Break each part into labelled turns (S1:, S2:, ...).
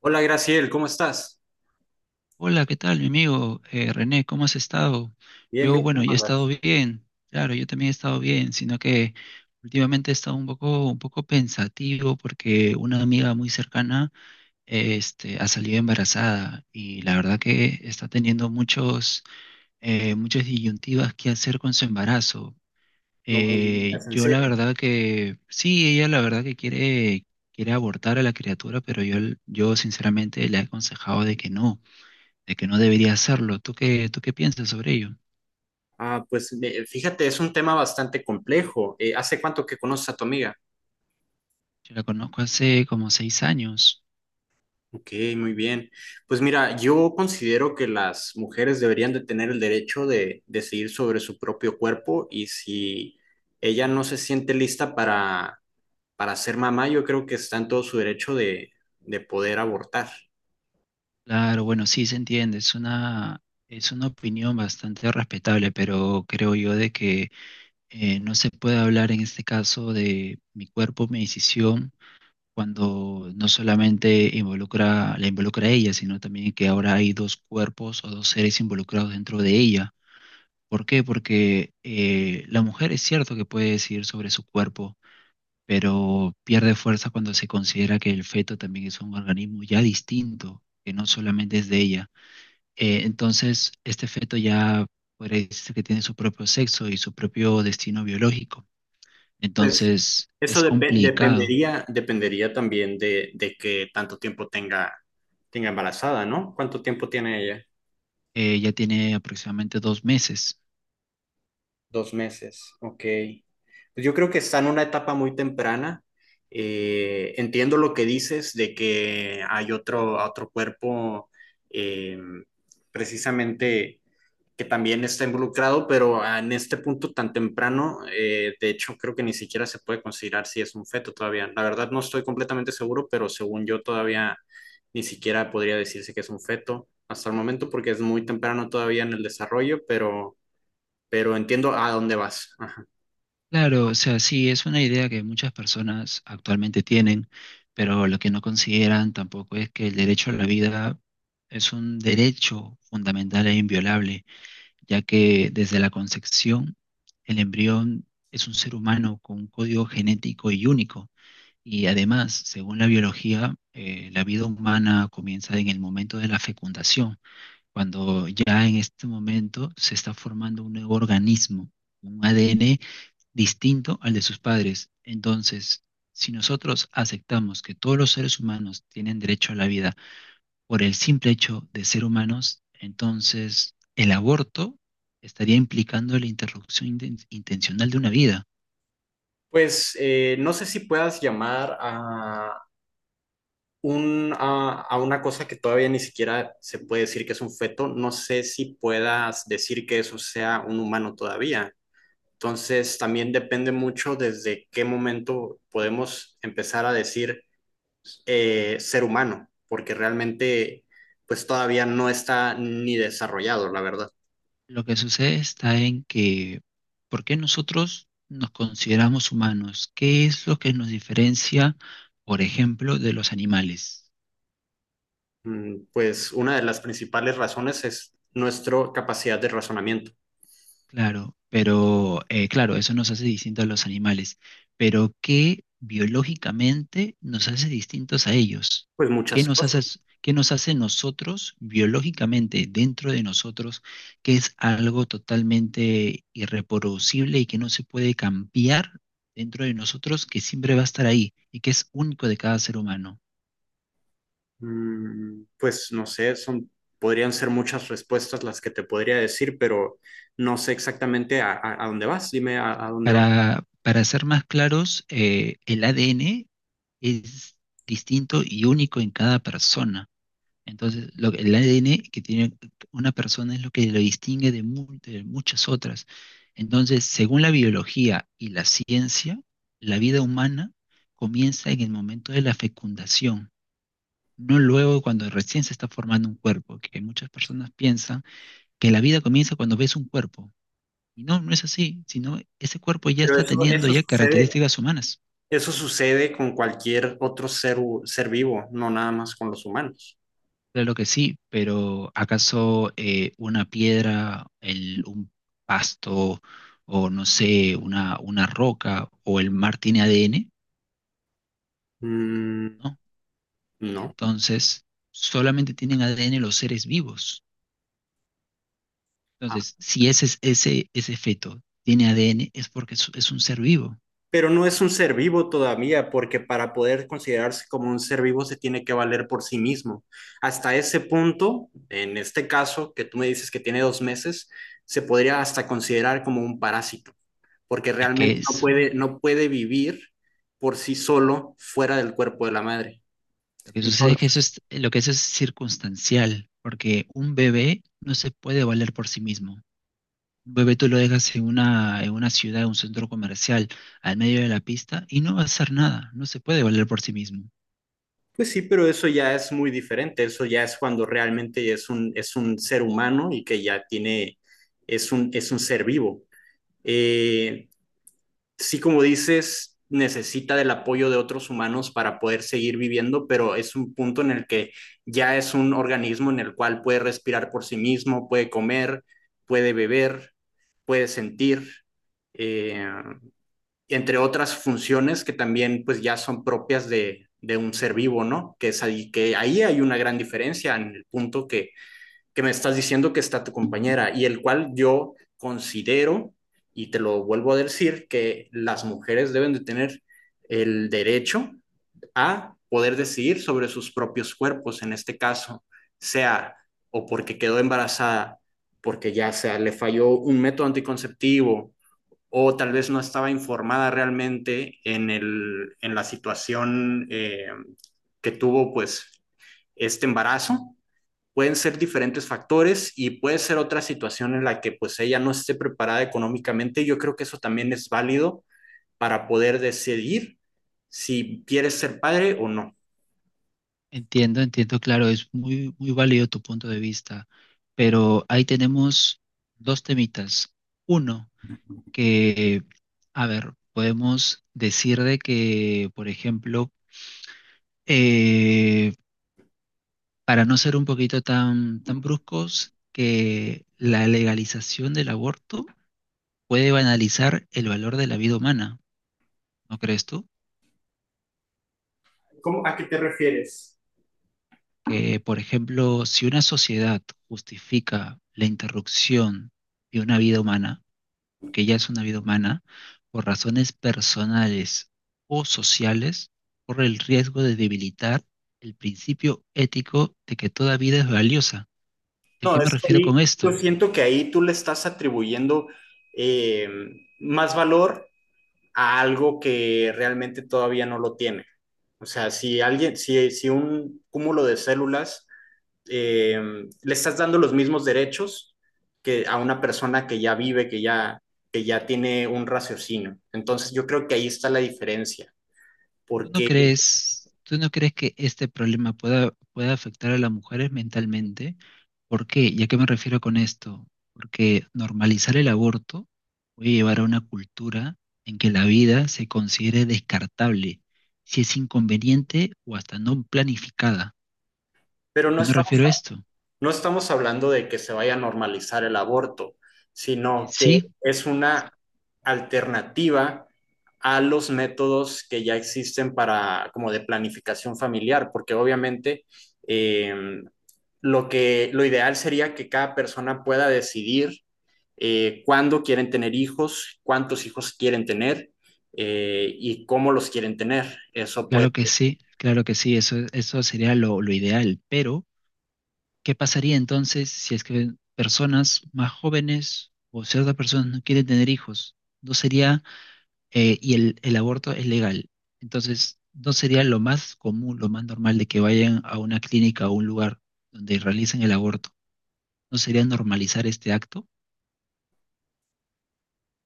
S1: Hola Graciel, ¿cómo estás?
S2: Hola, ¿qué tal, mi amigo René? ¿Cómo has estado?
S1: Bien,
S2: Yo,
S1: bien,
S2: bueno,
S1: ¿cómo
S2: yo he estado
S1: andas?
S2: bien, claro, yo también he estado bien, sino que últimamente he estado un poco pensativo porque una amiga muy cercana, ha salido embarazada y la verdad que está teniendo muchas disyuntivas que hacer con su embarazo.
S1: No me digas, en
S2: Yo la
S1: serio.
S2: verdad que, sí, ella la verdad que quiere abortar a la criatura, pero yo sinceramente le he aconsejado de que no debería hacerlo. ¿Tú qué piensas sobre ello?
S1: Ah, pues fíjate, es un tema bastante complejo. ¿Hace cuánto que conoces a tu amiga?
S2: Yo la conozco hace como 6 años.
S1: Ok, muy bien. Pues mira, yo considero que las mujeres deberían de tener el derecho de decidir sobre su propio cuerpo y si ella no se siente lista para ser mamá, yo creo que está en todo su derecho de poder abortar.
S2: Claro, bueno, sí se entiende, es una opinión bastante respetable, pero creo yo de que no se puede hablar en este caso de mi cuerpo, mi decisión, cuando no solamente la involucra a ella, sino también que ahora hay dos cuerpos o dos seres involucrados dentro de ella. ¿Por qué? Porque la mujer es cierto que puede decidir sobre su cuerpo, pero pierde fuerza cuando se considera que el feto también es un organismo ya distinto, que no solamente es de ella. Entonces, este feto ya podría decirse que tiene su propio sexo y su propio destino biológico.
S1: Pues
S2: Entonces,
S1: eso
S2: es complicado.
S1: dependería también de que tanto tiempo tenga, tenga embarazada, ¿no? ¿Cuánto tiempo tiene ella?
S2: Ya tiene aproximadamente 2 meses.
S1: 2 meses, ok. Pues yo creo que está en una etapa muy temprana. Entiendo lo que dices de que hay otro cuerpo eh, precisamente que también está involucrado, pero en este punto tan temprano, de hecho creo que ni siquiera se puede considerar si es un feto todavía. La verdad no estoy completamente seguro, pero según yo todavía ni siquiera podría decirse que es un feto hasta el momento porque es muy temprano todavía en el desarrollo, pero entiendo a dónde vas. Ajá.
S2: Claro, o sea, sí, es una idea que muchas personas actualmente tienen, pero lo que no consideran tampoco es que el derecho a la vida es un derecho fundamental e inviolable, ya que desde la concepción el embrión es un ser humano con un código genético y único. Y además, según la biología, la vida humana comienza en el momento de la fecundación, cuando ya en este momento se está formando un nuevo organismo, un ADN distinto al de sus padres. Entonces, si nosotros aceptamos que todos los seres humanos tienen derecho a la vida por el simple hecho de ser humanos, entonces el aborto estaría implicando la interrupción intencional de una vida.
S1: Pues no sé si puedas llamar a una cosa que todavía ni siquiera se puede decir que es un feto, no sé si puedas decir que eso sea un humano todavía. Entonces, también depende mucho desde qué momento podemos empezar a decir ser humano, porque realmente pues todavía no está ni desarrollado, la verdad.
S2: Lo que sucede está en que, ¿por qué nosotros nos consideramos humanos? ¿Qué es lo que nos diferencia, por ejemplo, de los animales?
S1: Mm, pues una de las principales razones es nuestra capacidad de razonamiento.
S2: Claro, pero claro, eso nos hace distintos a los animales, pero ¿qué biológicamente nos hace distintos a ellos?
S1: Pues
S2: ¿Qué
S1: muchas
S2: nos hace,
S1: cosas.
S2: qué nos hace nosotros biológicamente dentro de nosotros, que es algo totalmente irreproducible y que no se puede cambiar dentro de nosotros, que siempre va a estar ahí y que es único de cada ser humano?
S1: Mm, pues no sé, podrían ser muchas respuestas las que te podría decir, pero no sé exactamente a dónde vas. Dime a dónde vas.
S2: Para ser más claros, el ADN es distinto y único en cada persona. Entonces, el ADN que tiene una persona es lo que lo distingue de, de muchas otras. Entonces, según la biología y la ciencia, la vida humana comienza en el momento de la fecundación, no luego cuando recién se está formando un cuerpo, que muchas personas piensan que la vida comienza cuando ves un cuerpo. Y no, no es así, sino ese cuerpo ya está teniendo
S1: Eso
S2: ya
S1: sucede.
S2: características humanas.
S1: Eso sucede con cualquier otro ser vivo, no nada más con los humanos.
S2: Claro que sí, pero ¿acaso una piedra, un pasto o no sé, una roca o el mar tiene ADN?
S1: Mm,
S2: ¿No?
S1: no.
S2: Entonces, solamente tienen ADN los seres vivos.
S1: Ah,
S2: Entonces, si ese feto tiene ADN, es porque es un ser vivo.
S1: pero no es un ser vivo todavía, porque para poder considerarse como un ser vivo se tiene que valer por sí mismo. Hasta ese punto, en este caso, que tú me dices que tiene 2 meses, se podría hasta considerar como un parásito, porque
S2: Es que
S1: realmente
S2: eso,
S1: no puede vivir por sí solo fuera del cuerpo de la madre.
S2: lo que sucede es que eso
S1: Entonces,
S2: es, lo que eso es circunstancial, porque un bebé no se puede valer por sí mismo. Un bebé tú lo dejas en una, ciudad, en un centro comercial, al medio de la pista, y no va a hacer nada, no se puede valer por sí mismo.
S1: pues sí, pero eso ya es muy diferente. Eso ya es cuando realmente es un ser humano y que ya tiene, es un ser vivo. Eh, sí, como dices, necesita del apoyo de otros humanos para poder seguir viviendo, pero es un punto en el que ya es un organismo en el cual puede respirar por sí mismo, puede comer, puede beber, puede sentir. Eh, entre otras funciones que también pues ya son propias de un ser vivo, ¿no? Es ahí, que ahí hay una gran diferencia en el punto que me estás diciendo que está tu compañera y el cual yo considero, y te lo vuelvo a decir, que las mujeres deben de tener el derecho a poder decidir sobre sus propios cuerpos, en este caso, sea o porque quedó embarazada, porque ya sea le falló un método anticonceptivo o tal vez no estaba informada realmente en la situación que tuvo pues este embarazo. Pueden ser diferentes factores y puede ser otra situación en la que pues ella no esté preparada económicamente. Yo creo que eso también es válido para poder decidir si quieres ser padre o no.
S2: Entiendo, entiendo, claro, es muy, muy válido tu punto de vista, pero ahí tenemos dos temitas. Uno, que, a ver, podemos decir de que, por ejemplo, eh, para no ser un poquito tan, tan bruscos, que la legalización del aborto puede banalizar el valor de la vida humana. ¿No crees tú?
S1: ¿A qué te refieres?
S2: Que, por ejemplo, si una sociedad justifica la interrupción de una vida humana, porque ya es una vida humana, por razones personales o sociales, corre el riesgo de debilitar el principio ético de que toda vida es valiosa. ¿Y a
S1: No,
S2: qué me
S1: es
S2: refiero
S1: que
S2: con
S1: yo
S2: esto?
S1: siento que ahí tú le estás atribuyendo eh, más valor a algo que realmente todavía no lo tiene. O sea, si alguien, si, si un cúmulo de células eh, le estás dando los mismos derechos que a una persona que ya vive, que ya tiene un raciocinio. Entonces yo creo que ahí está la diferencia,
S2: ¿Tú no
S1: porque,
S2: crees, tú no crees que este problema pueda afectar a las mujeres mentalmente? ¿Por qué? ¿Y a qué me refiero con esto? Porque normalizar el aborto puede llevar a una cultura en que la vida se considere descartable, si es inconveniente o hasta no planificada.
S1: pero
S2: ¿A qué me refiero a esto?
S1: no estamos hablando de que se vaya a normalizar el aborto, sino que
S2: Sí,
S1: es una alternativa a los métodos que ya existen para como de planificación familiar, porque obviamente eh, lo ideal sería que cada persona pueda decidir cuándo quieren tener hijos, cuántos hijos quieren tener y cómo los quieren tener. Eso puede.
S2: claro que sí, claro que sí, eso sería lo ideal, pero ¿qué pasaría entonces si es que personas más jóvenes o ciertas personas no quieren tener hijos? No sería, y el aborto es legal. Entonces, no sería lo más común, lo más normal de que vayan a una clínica o un lugar donde realicen el aborto. No sería normalizar este acto,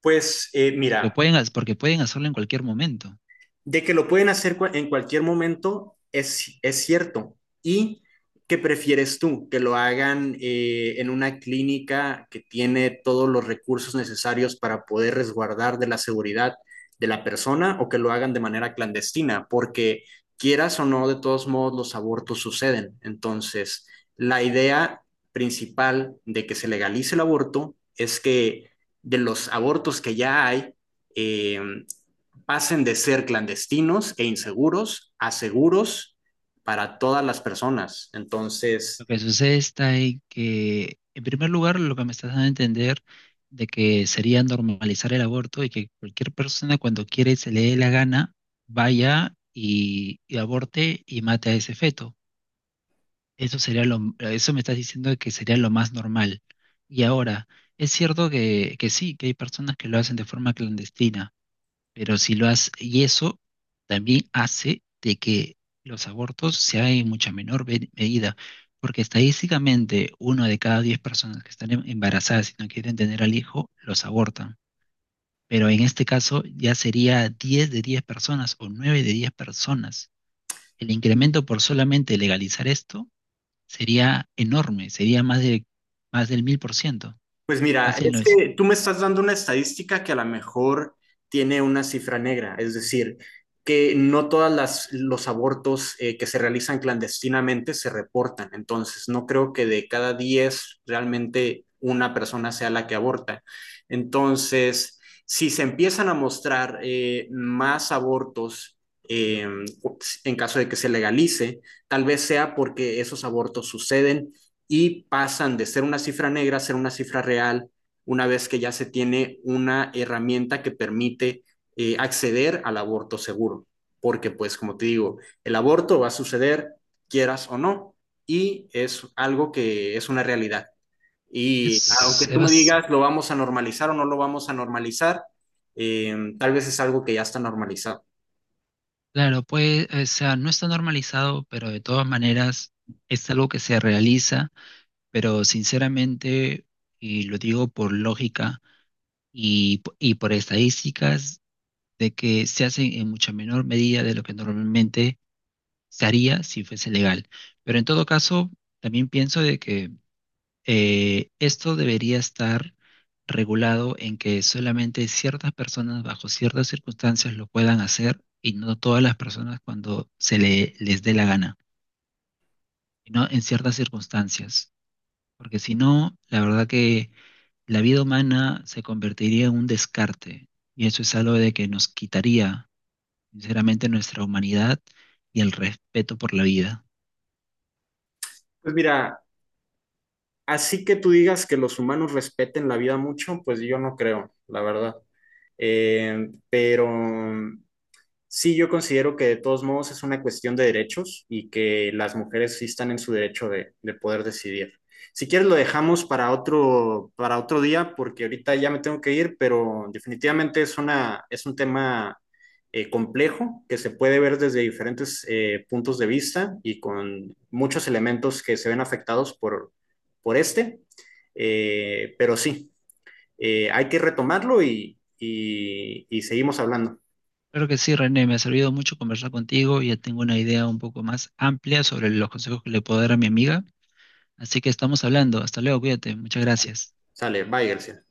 S1: Pues
S2: porque
S1: mira,
S2: pueden hacerlo en cualquier momento.
S1: de que lo pueden hacer en cualquier momento es cierto. ¿Y qué prefieres tú? ¿Que lo hagan en una clínica que tiene todos los recursos necesarios para poder resguardar de la seguridad de la persona o que lo hagan de manera clandestina? Porque quieras o no, de todos modos los abortos suceden. Entonces, la idea principal de que se legalice el aborto es que de los abortos que ya hay, eh, pasen de ser clandestinos e inseguros a seguros para todas las personas. Entonces,
S2: Lo que sucede está en que, en primer lugar, lo que me estás dando a entender de que sería normalizar el aborto y que cualquier persona cuando quiere y se le dé la gana, vaya y aborte y mate a ese feto. Eso sería lo, eso me estás diciendo que sería lo más normal. Y ahora, es cierto que sí, que hay personas que lo hacen de forma clandestina, pero si lo hace, y eso también hace de que los abortos se hagan en mucha menor medida, porque estadísticamente 1 de cada 10 personas que están embarazadas y no quieren tener al hijo, los abortan. Pero en este caso ya sería 10 de 10 personas o 9 de 10 personas. El incremento por solamente legalizar esto sería enorme, sería más del 1000%,
S1: pues mira,
S2: casi el
S1: es
S2: 900.
S1: que tú me estás dando una estadística que a lo mejor tiene una cifra negra, es decir, que no todas las los abortos que se realizan clandestinamente se reportan. Entonces, no creo que de cada 10 realmente una persona sea la que aborta. Entonces, si se empiezan a mostrar más abortos eh, en caso de que se legalice, tal vez sea porque esos abortos suceden y pasan de ser una cifra negra a ser una cifra real una vez que ya se tiene una herramienta que permite acceder al aborto seguro. Porque pues como te digo, el aborto va a suceder quieras o no y es algo que es una realidad. Y
S2: Es,
S1: aunque
S2: es es
S1: tú me
S2: bas-
S1: digas lo vamos a normalizar o no lo vamos a normalizar, tal vez es algo que ya está normalizado.
S2: Claro, pues, o sea, no está normalizado, pero de todas maneras es algo que se realiza, pero sinceramente, y lo digo por lógica y, y por estadísticas, de que se hace en mucha menor medida de lo que normalmente se haría si fuese legal. Pero en todo caso, también pienso de que esto debería estar regulado en que solamente ciertas personas bajo ciertas circunstancias lo puedan hacer y no todas las personas cuando se les dé la gana, no en ciertas circunstancias. Porque si no, la verdad que la vida humana se convertiría en un descarte y eso es algo de que nos quitaría, sinceramente, nuestra humanidad y el respeto por la vida.
S1: Pues mira, así que tú digas que los humanos respeten la vida mucho, pues yo no creo, la verdad. Eh, pero Sí, yo considero que de todos modos es una cuestión de derechos y que las mujeres sí están en su derecho de poder decidir. Si quieres lo dejamos para para otro día porque ahorita ya me tengo que ir, pero definitivamente es es un tema complejo que se puede ver desde diferentes puntos de vista y con muchos elementos que se ven afectados por este. Eh, pero sí, hay que retomarlo y seguimos hablando.
S2: Claro que sí, René, me ha servido mucho conversar contigo, y ya tengo una idea un poco más amplia sobre los consejos que le puedo dar a mi amiga. Así que estamos hablando. Hasta luego, cuídate. Muchas gracias.
S1: Sale, bye, García.